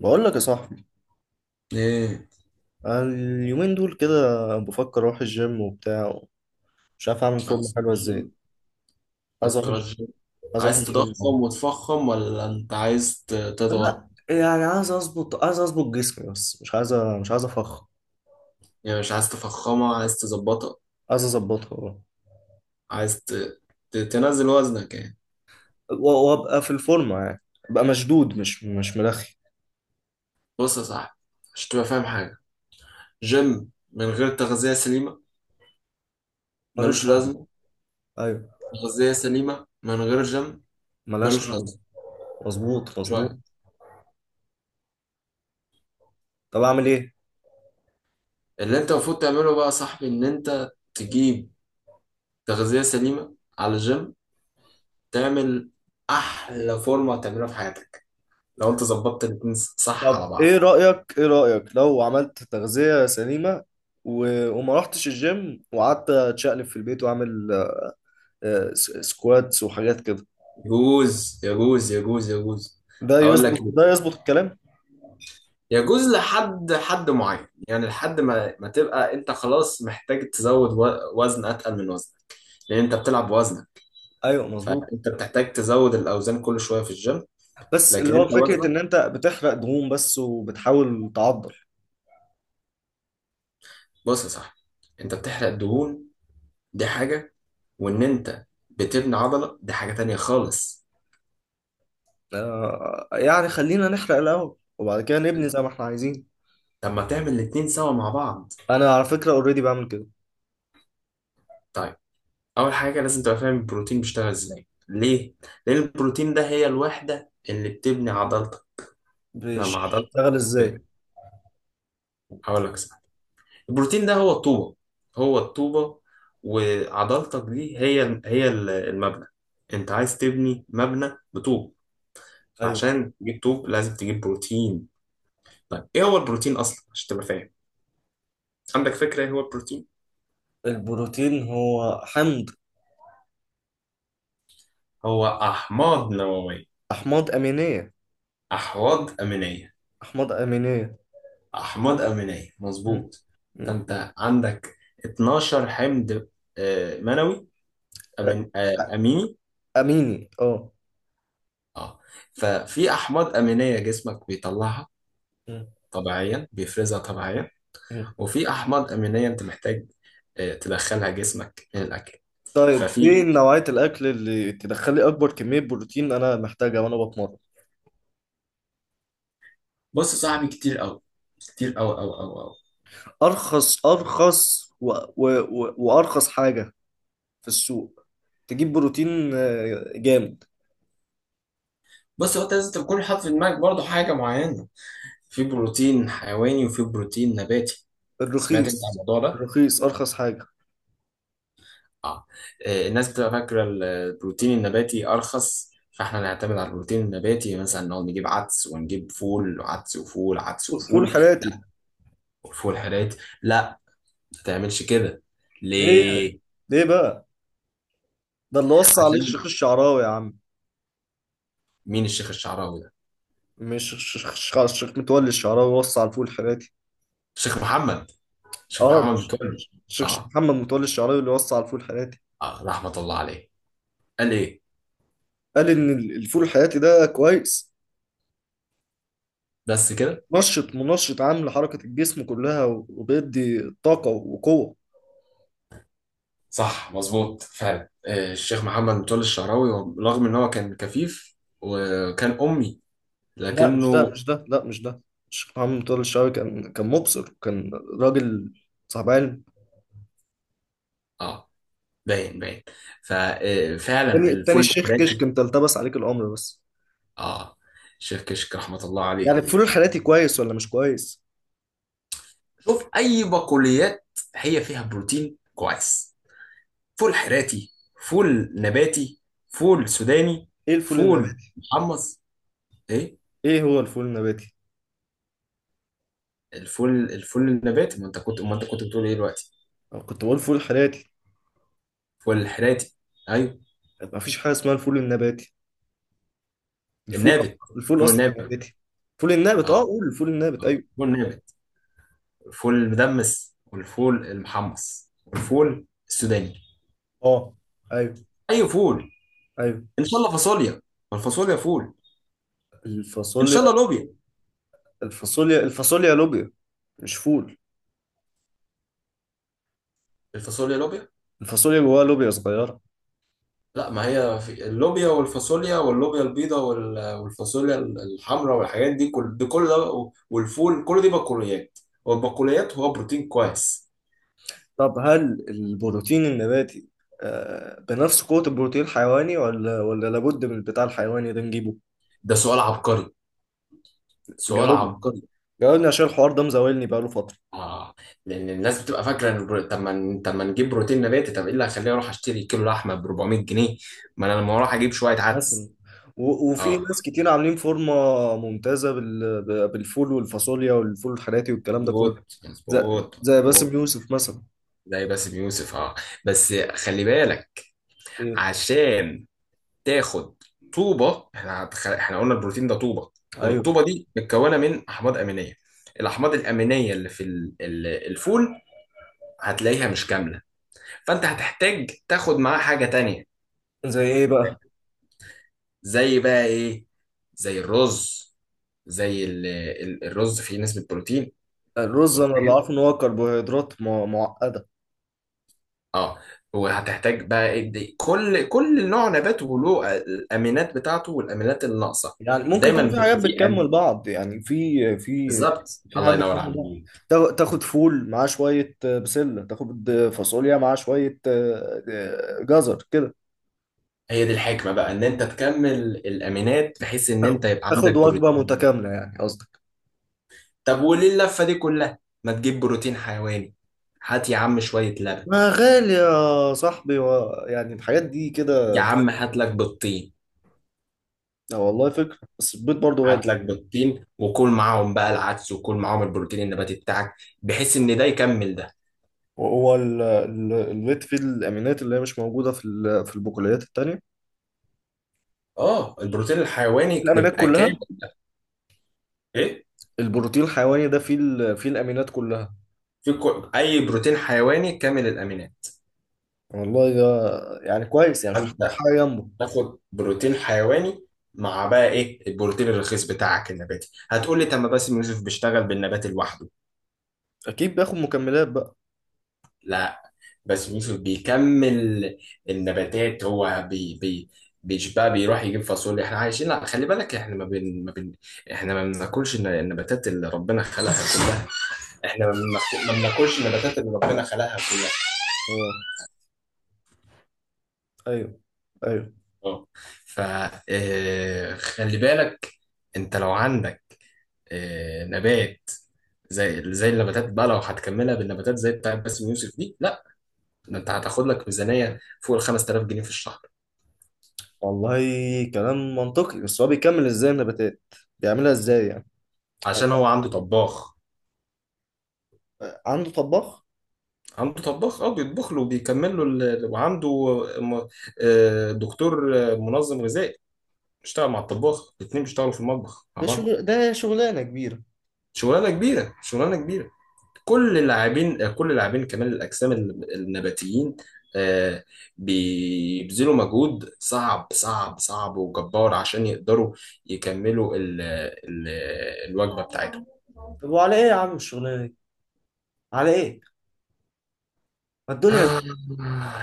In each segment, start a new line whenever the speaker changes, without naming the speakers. بقول لك يا صاحبي،
ايه؟
أنا اليومين دول كده بفكر اروح الجيم وبتاع. مش عارف اعمل فورمه
عايز
حلوه
ترجم؟
ازاي. عايز
عايز
اروح الج-
ترجم؟
عايز اروح
عايز
الجيم أوي.
تضخم وتفخم ولا انت عايز تضغط؟
لا، يعني عايز اظبط جسمي، بس مش عايز افخ.
يعني مش عايز تفخمها، عايز تظبطها،
عايز اظبطها، أه.
عايز تنزل وزنك يعني.
و- وابقى في الفورمه، يعني ابقى مشدود، مش ملخي.
بص يا صاحبي، عشان تبقى فاهم حاجة، جيم من غير تغذية سليمة
ملوش
ملوش
لازمه.
لازمة،
ايوه.
تغذية سليمة من غير جيم
ملهاش
ملوش
لازمه.
لازمة.
مظبوط، مظبوط.
شوية.
طب اعمل ايه؟
اللي انت المفروض تعمله بقى يا صاحبي ان انت تجيب تغذية سليمة على الجيم، تعمل احلى فورمة تعملها في حياتك لو انت ظبطت الاتنين صح على
طب ايه
بعض.
رايك ايه رايك لو عملت تغذيه سليمه و... وما رحتش الجيم، وقعدت اتشقلب في البيت واعمل سكواتس وحاجات كده؟
يجوز يجوز يجوز يجوز.
ده
هقول لك
يظبط ده
ليه.
يظبط الكلام؟
يجوز لحد حد معين، يعني لحد ما تبقى انت خلاص محتاج تزود وزن اتقل من وزنك، لان انت بتلعب بوزنك،
ايوه، مظبوط.
فانت بتحتاج تزود الاوزان كل شويه في الجيم.
بس اللي
لكن انت
هو فكره ان
وزنك.
انت بتحرق دهون بس وبتحاول تعضل.
بص يا صاحبي، انت بتحرق دهون، دي حاجه، وان انت بتبني عضله دي حاجه تانية خالص.
يعني خلينا نحرق الاول وبعد كده نبني زي ما احنا عايزين.
طب ما تعمل الاتنين سوا مع بعض.
انا على فكره اوريدي بعمل كده.
طيب، اول حاجه لازم تبقى فاهم البروتين بيشتغل ازاي ليه. لان البروتين ده هي الوحده اللي بتبني عضلتك. لما عضلتك
بيشتغل ازاي؟
ب- هقول لك صح. البروتين ده هو الطوبه، هو الطوبه، وعضلتك دي هي المبنى. انت عايز تبني مبنى بطوب،
ايوه.
فعشان تجيب طوب لازم تجيب بروتين. طيب، ايه هو البروتين اصلا عشان تبقى فاهم. عندك فكره ايه هو البروتين؟
البروتين هو حمض.
هو احماض نوويه.
احماض امينيه.
احواض امينيه.
احماض امينيه.
احماض امينيه
مم.
مظبوط.
مم.
فانت عندك 12 حمض منوي.
آه،
أمين آه، اميني،
اميني، اه.
اه. ففي احماض امينيه جسمك بيطلعها
مم.
طبيعيا، بيفرزها طبيعيا.
مم.
وفي احماض امينيه انت محتاج تدخلها جسمك من الاكل.
طيب،
ففي.
ايه نوعية الاكل اللي تدخل لي اكبر كمية بروتين انا محتاجها وانا بتمرن؟
بص يا صاحبي، كتير قوي، كتير قوي قوي قوي قوي.
ارخص وارخص حاجة في السوق تجيب بروتين جامد.
بص، هو انت لازم تكون حاطط في دماغك برضه حاجه معينه. في بروتين حيواني وفي بروتين نباتي. سمعت انت عن
الرخيص.
الموضوع ده؟
الرخيص ارخص حاجة.
اه. الناس بتبقى فاكرة البروتين النباتي أرخص، فاحنا نعتمد على البروتين النباتي، مثلا نقعد نجيب عدس ونجيب فول، عدس وفول، عدس
فول
وفول. لا.
حراتي.
وفول حرات لا، ما تعملش كده.
ليه؟
ليه؟
ليه بقى؟ ده اللي وصى عليه
عشان.
الشيخ الشعراوي يا عم.
مين الشيخ الشعراوي ده؟
مش الشيخ متولي الشعراوي وصى على الفول الحراتي؟
الشيخ محمد، الشيخ
اه.
محمد متولي.
الشيخ
اه.
محمد متولي الشعراوي اللي وصى على الفول الحراتي.
اه، رحمة الله عليه. قال ايه؟
قال ان الفول الحراتي ده كويس،
بس كده.
منشط، منشط، عامل حركة الجسم كلها وبيدي طاقة وقوة.
صح، مظبوط فعلا. الشيخ محمد متولي الشعراوي، رغم ان هو كان كفيف وكان أمي
لا، مش ده،
لكنه.
مش ده، لا، مش ده. الشيخ محمد طارق الشعبي كان مبصر، كان راجل صاحب علم.
اه، باين باين. ففعلا
التاني
الفول
الشيخ كشك،
الحراتي.
انت التبس عليك الأمر بس.
اه. شيخ كشك رحمة الله
يعني
عليه.
الفول الحراتي كويس ولا مش كويس؟
شوف، أي بقوليات هي فيها بروتين كويس: فول حراتي، فول نباتي، فول سوداني،
ايه الفول
فول
النباتي؟
محمص. ايه؟
ايه هو الفول النباتي؟
الفول الفول النباتي، ما انت كنت بتقول ايه دلوقتي.
أنا كنت بقول فول حراتي.
فول الحراتي، ايوه.
مفيش حاجة اسمها الفول النباتي. الفول أصلا
النابت،
الفول
فول
أصلا
نابت.
نباتي. الفول النابت، اه،
اه،
قول الفول النابت،
اه،
ايوه.
فول نابت، الفول المدمس والفول المحمص والفول السوداني.
اه. ايوه.
اي فول.
ايوه.
ان شاء الله فاصوليا، ما الفاصوليا فول. ان شاء
الفاصوليا.
الله لوبيا.
الفاصوليا لوبيا، مش فول.
الفاصوليا لوبيا.
الفاصوليا جواها لوبيا صغيرة.
لا، ما هي في اللوبيا والفاصوليا واللوبيا البيضاء والفاصوليا الحمراء والحاجات دي، كل ده كل ده والفول، كل دي بقوليات، والبقوليات هو بروتين كويس.
طب هل البروتين النباتي بنفس قوة البروتين الحيواني ولا لابد من البتاع الحيواني ده نجيبه؟
ده سؤال عبقري، سؤال
جاوبني.
عبقري.
جاوبني عشان الحوار ده مزاولني بقاله فترة.
اه. لان الناس بتبقى فاكره ان طب ما نجيب بروتين نباتي، طب ايه اللي هيخليني اروح اشتري كيلو لحمه ب 400 جنيه، ما انا لما اروح اجيب شويه
آه، مثلا.
عدس.
و- وفي
اه،
ناس كتير عاملين فورمة ممتازة بال- ب- بالفول والفاصوليا والفول الحراتي والكلام ده كله.
مظبوط
زي
مظبوط
زي باسم
مظبوط.
يوسف مثلا.
زي باسم يوسف، اه. بس خلي بالك،
ايه.
عشان تاخد طوبه. احنا قلنا البروتين ده طوبه،
ايوه.
والطوبه دي متكونه من احماض امينيه. الاحماض الامينيه اللي في الفول هتلاقيها مش كامله، فانت هتحتاج تاخد معاه حاجه تانية،
زي ايه
واخد
بقى؟
بالك؟ زي بقى ايه؟ زي الرز. زي الرز فيه نسبه بروتين
الرز انا اللي
صغيره.
عارفه ان هو كربوهيدرات مع- معقدة.
اه. وهتحتاج بقى إيه كل نوع نبات وله الامينات بتاعته والامينات الناقصه.
يعني ممكن
دايما
يكون في حاجات بتكمل بعض، يعني في. في
بالظبط،
في حاجات
الله ينور
بتكمل بعض.
عليك.
تاخد فول معاه شوية بسلة، تاخد فاصوليا معاه شوية جزر كده.
هي دي الحكمه بقى ان انت تكمل الامينات بحيث ان
تاخد
انت يبقى
تاخد
عندك
وجبة
بروتين.
متكاملة، يعني قصدك.
طب وليه اللفه دي كلها؟ ما تجيب بروتين حيواني، هات يا عم شويه لبن.
ما غالي يا صاحبي، يعني الحاجات دي كده
يا
بس.
عم هات لك بيضتين.
آه، والله فكرة، بس البيض برضه
هات
غالي.
لك بيضتين وكل معاهم بقى العدس، وكل معاهم البروتين النباتي بتاعك، بحيث ان ده يكمل ده.
وهو البيض فيه الأمينات اللي هي مش موجودة في البقوليات التانية.
اه، البروتين الحيواني
الأمينات
بيبقى
كلها.
كامل. ايه؟
البروتين الحيواني ده فيه الأمينات كلها.
في اي بروتين حيواني كامل الامينات.
والله ده يعني كويس، يعني مش محتاج
فانت
حاجة جنبه.
تاخد بروتين حيواني مع بقى ايه البروتين الرخيص بتاعك النباتي. هتقول لي، طب ما باسم يوسف بيشتغل بالنبات لوحده.
أكيد بياخد مكملات بقى.
لا. باسم يوسف بيكمل النباتات، هو بي بي مش بقى بيروح يجيب فاصوليا، احنا عايشين. لا، خلي بالك، احنا ما بن... ما بن... احنا ما بناكلش النباتات اللي ربنا خلقها كلها، احنا ما بناكل- ما بناكلش النباتات اللي ربنا خلقها كلها.
اه. أيوه. أيوه.
اه. فخلي بالك، انت لو عندك نبات، زي النباتات بقى لو هتكملها بالنباتات زي بتاعت باسم يوسف دي، لا، ده انت هتاخد لك ميزانية فوق ال 5000 جنيه في الشهر.
والله كلام منطقي، بس هو بيكمل إزاي النباتات؟ بيعملها إزاي يعني؟
عشان هو عنده طباخ.
عنده طباخ.
عنده طباخ، اه، بيطبخ له وبيكمل له وعنده م- دكتور، منظم غذائي، بيشتغل مع الطباخ، الاتنين بيشتغلوا في المطبخ مع
ده
بعض.
شغل، ده شغلانة كبيرة.
شغلانة كبيرة، شغلانة كبيرة. كل اللاعبين كمال الاجسام النباتيين، آه، بيبذلوا مجهود صعب صعب صعب وجبار عشان يقدروا يكملوا ال ال الوجبة بتاعتهم.
طب وعلى إيه يا عم الشغلانة دي؟ على إيه؟ ما الدنيا.
آه،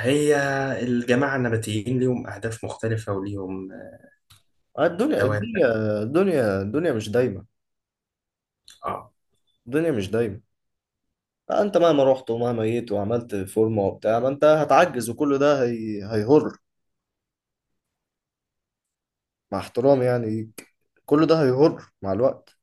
هي الجماعة النباتيين ليهم أهداف مختلفة وليهم
الدنيا
دوافع،
الدنيا الدنيا الدنيا مش دايمة.
آه.
الدنيا مش دايمة. أنت مهما رحت ومهما جيت وعملت فورمة وبتاع ما أنت هتعجز، وكل ده هيهر، مع احترامي يعني. كل ده هيهر مع الوقت.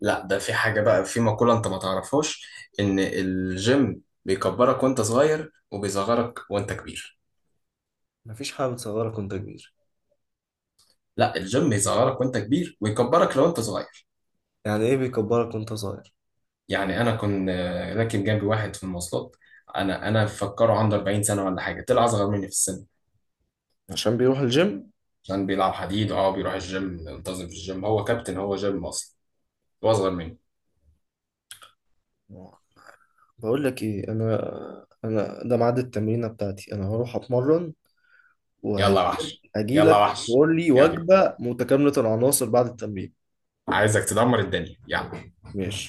لا، ده في حاجة بقى، في مقولة أنت ما تعرفهاش، إن الجيم بيكبرك وأنت صغير وبيصغرك وأنت كبير.
مفيش حاجة بتصغرك وانت كبير.
لا، الجيم بيصغرك وأنت كبير ويكبرك لو أنت صغير.
يعني ايه بيكبرك وانت صغير؟
يعني انا كنت راكب جنبي واحد في المواصلات، انا مفكره عنده 40 سنه ولا حاجه، طلع اصغر مني في السن،
عشان بيروح الجيم.
عشان بيلعب حديد. اه، بيروح الجيم، منتظم في الجيم، هو كابتن، هو جيم اصلا، هو اصغر مني.
بقول لك ايه انا ده ميعاد التمرينه بتاعتي. انا هروح اتمرن
يلا يا وحش،
وهجي
يلا يا
لك
وحش.
تقول لي
يلا،
وجبه متكامله العناصر بعد التمرين.
عايزك تدمر الدنيا، يلا.
ماشي.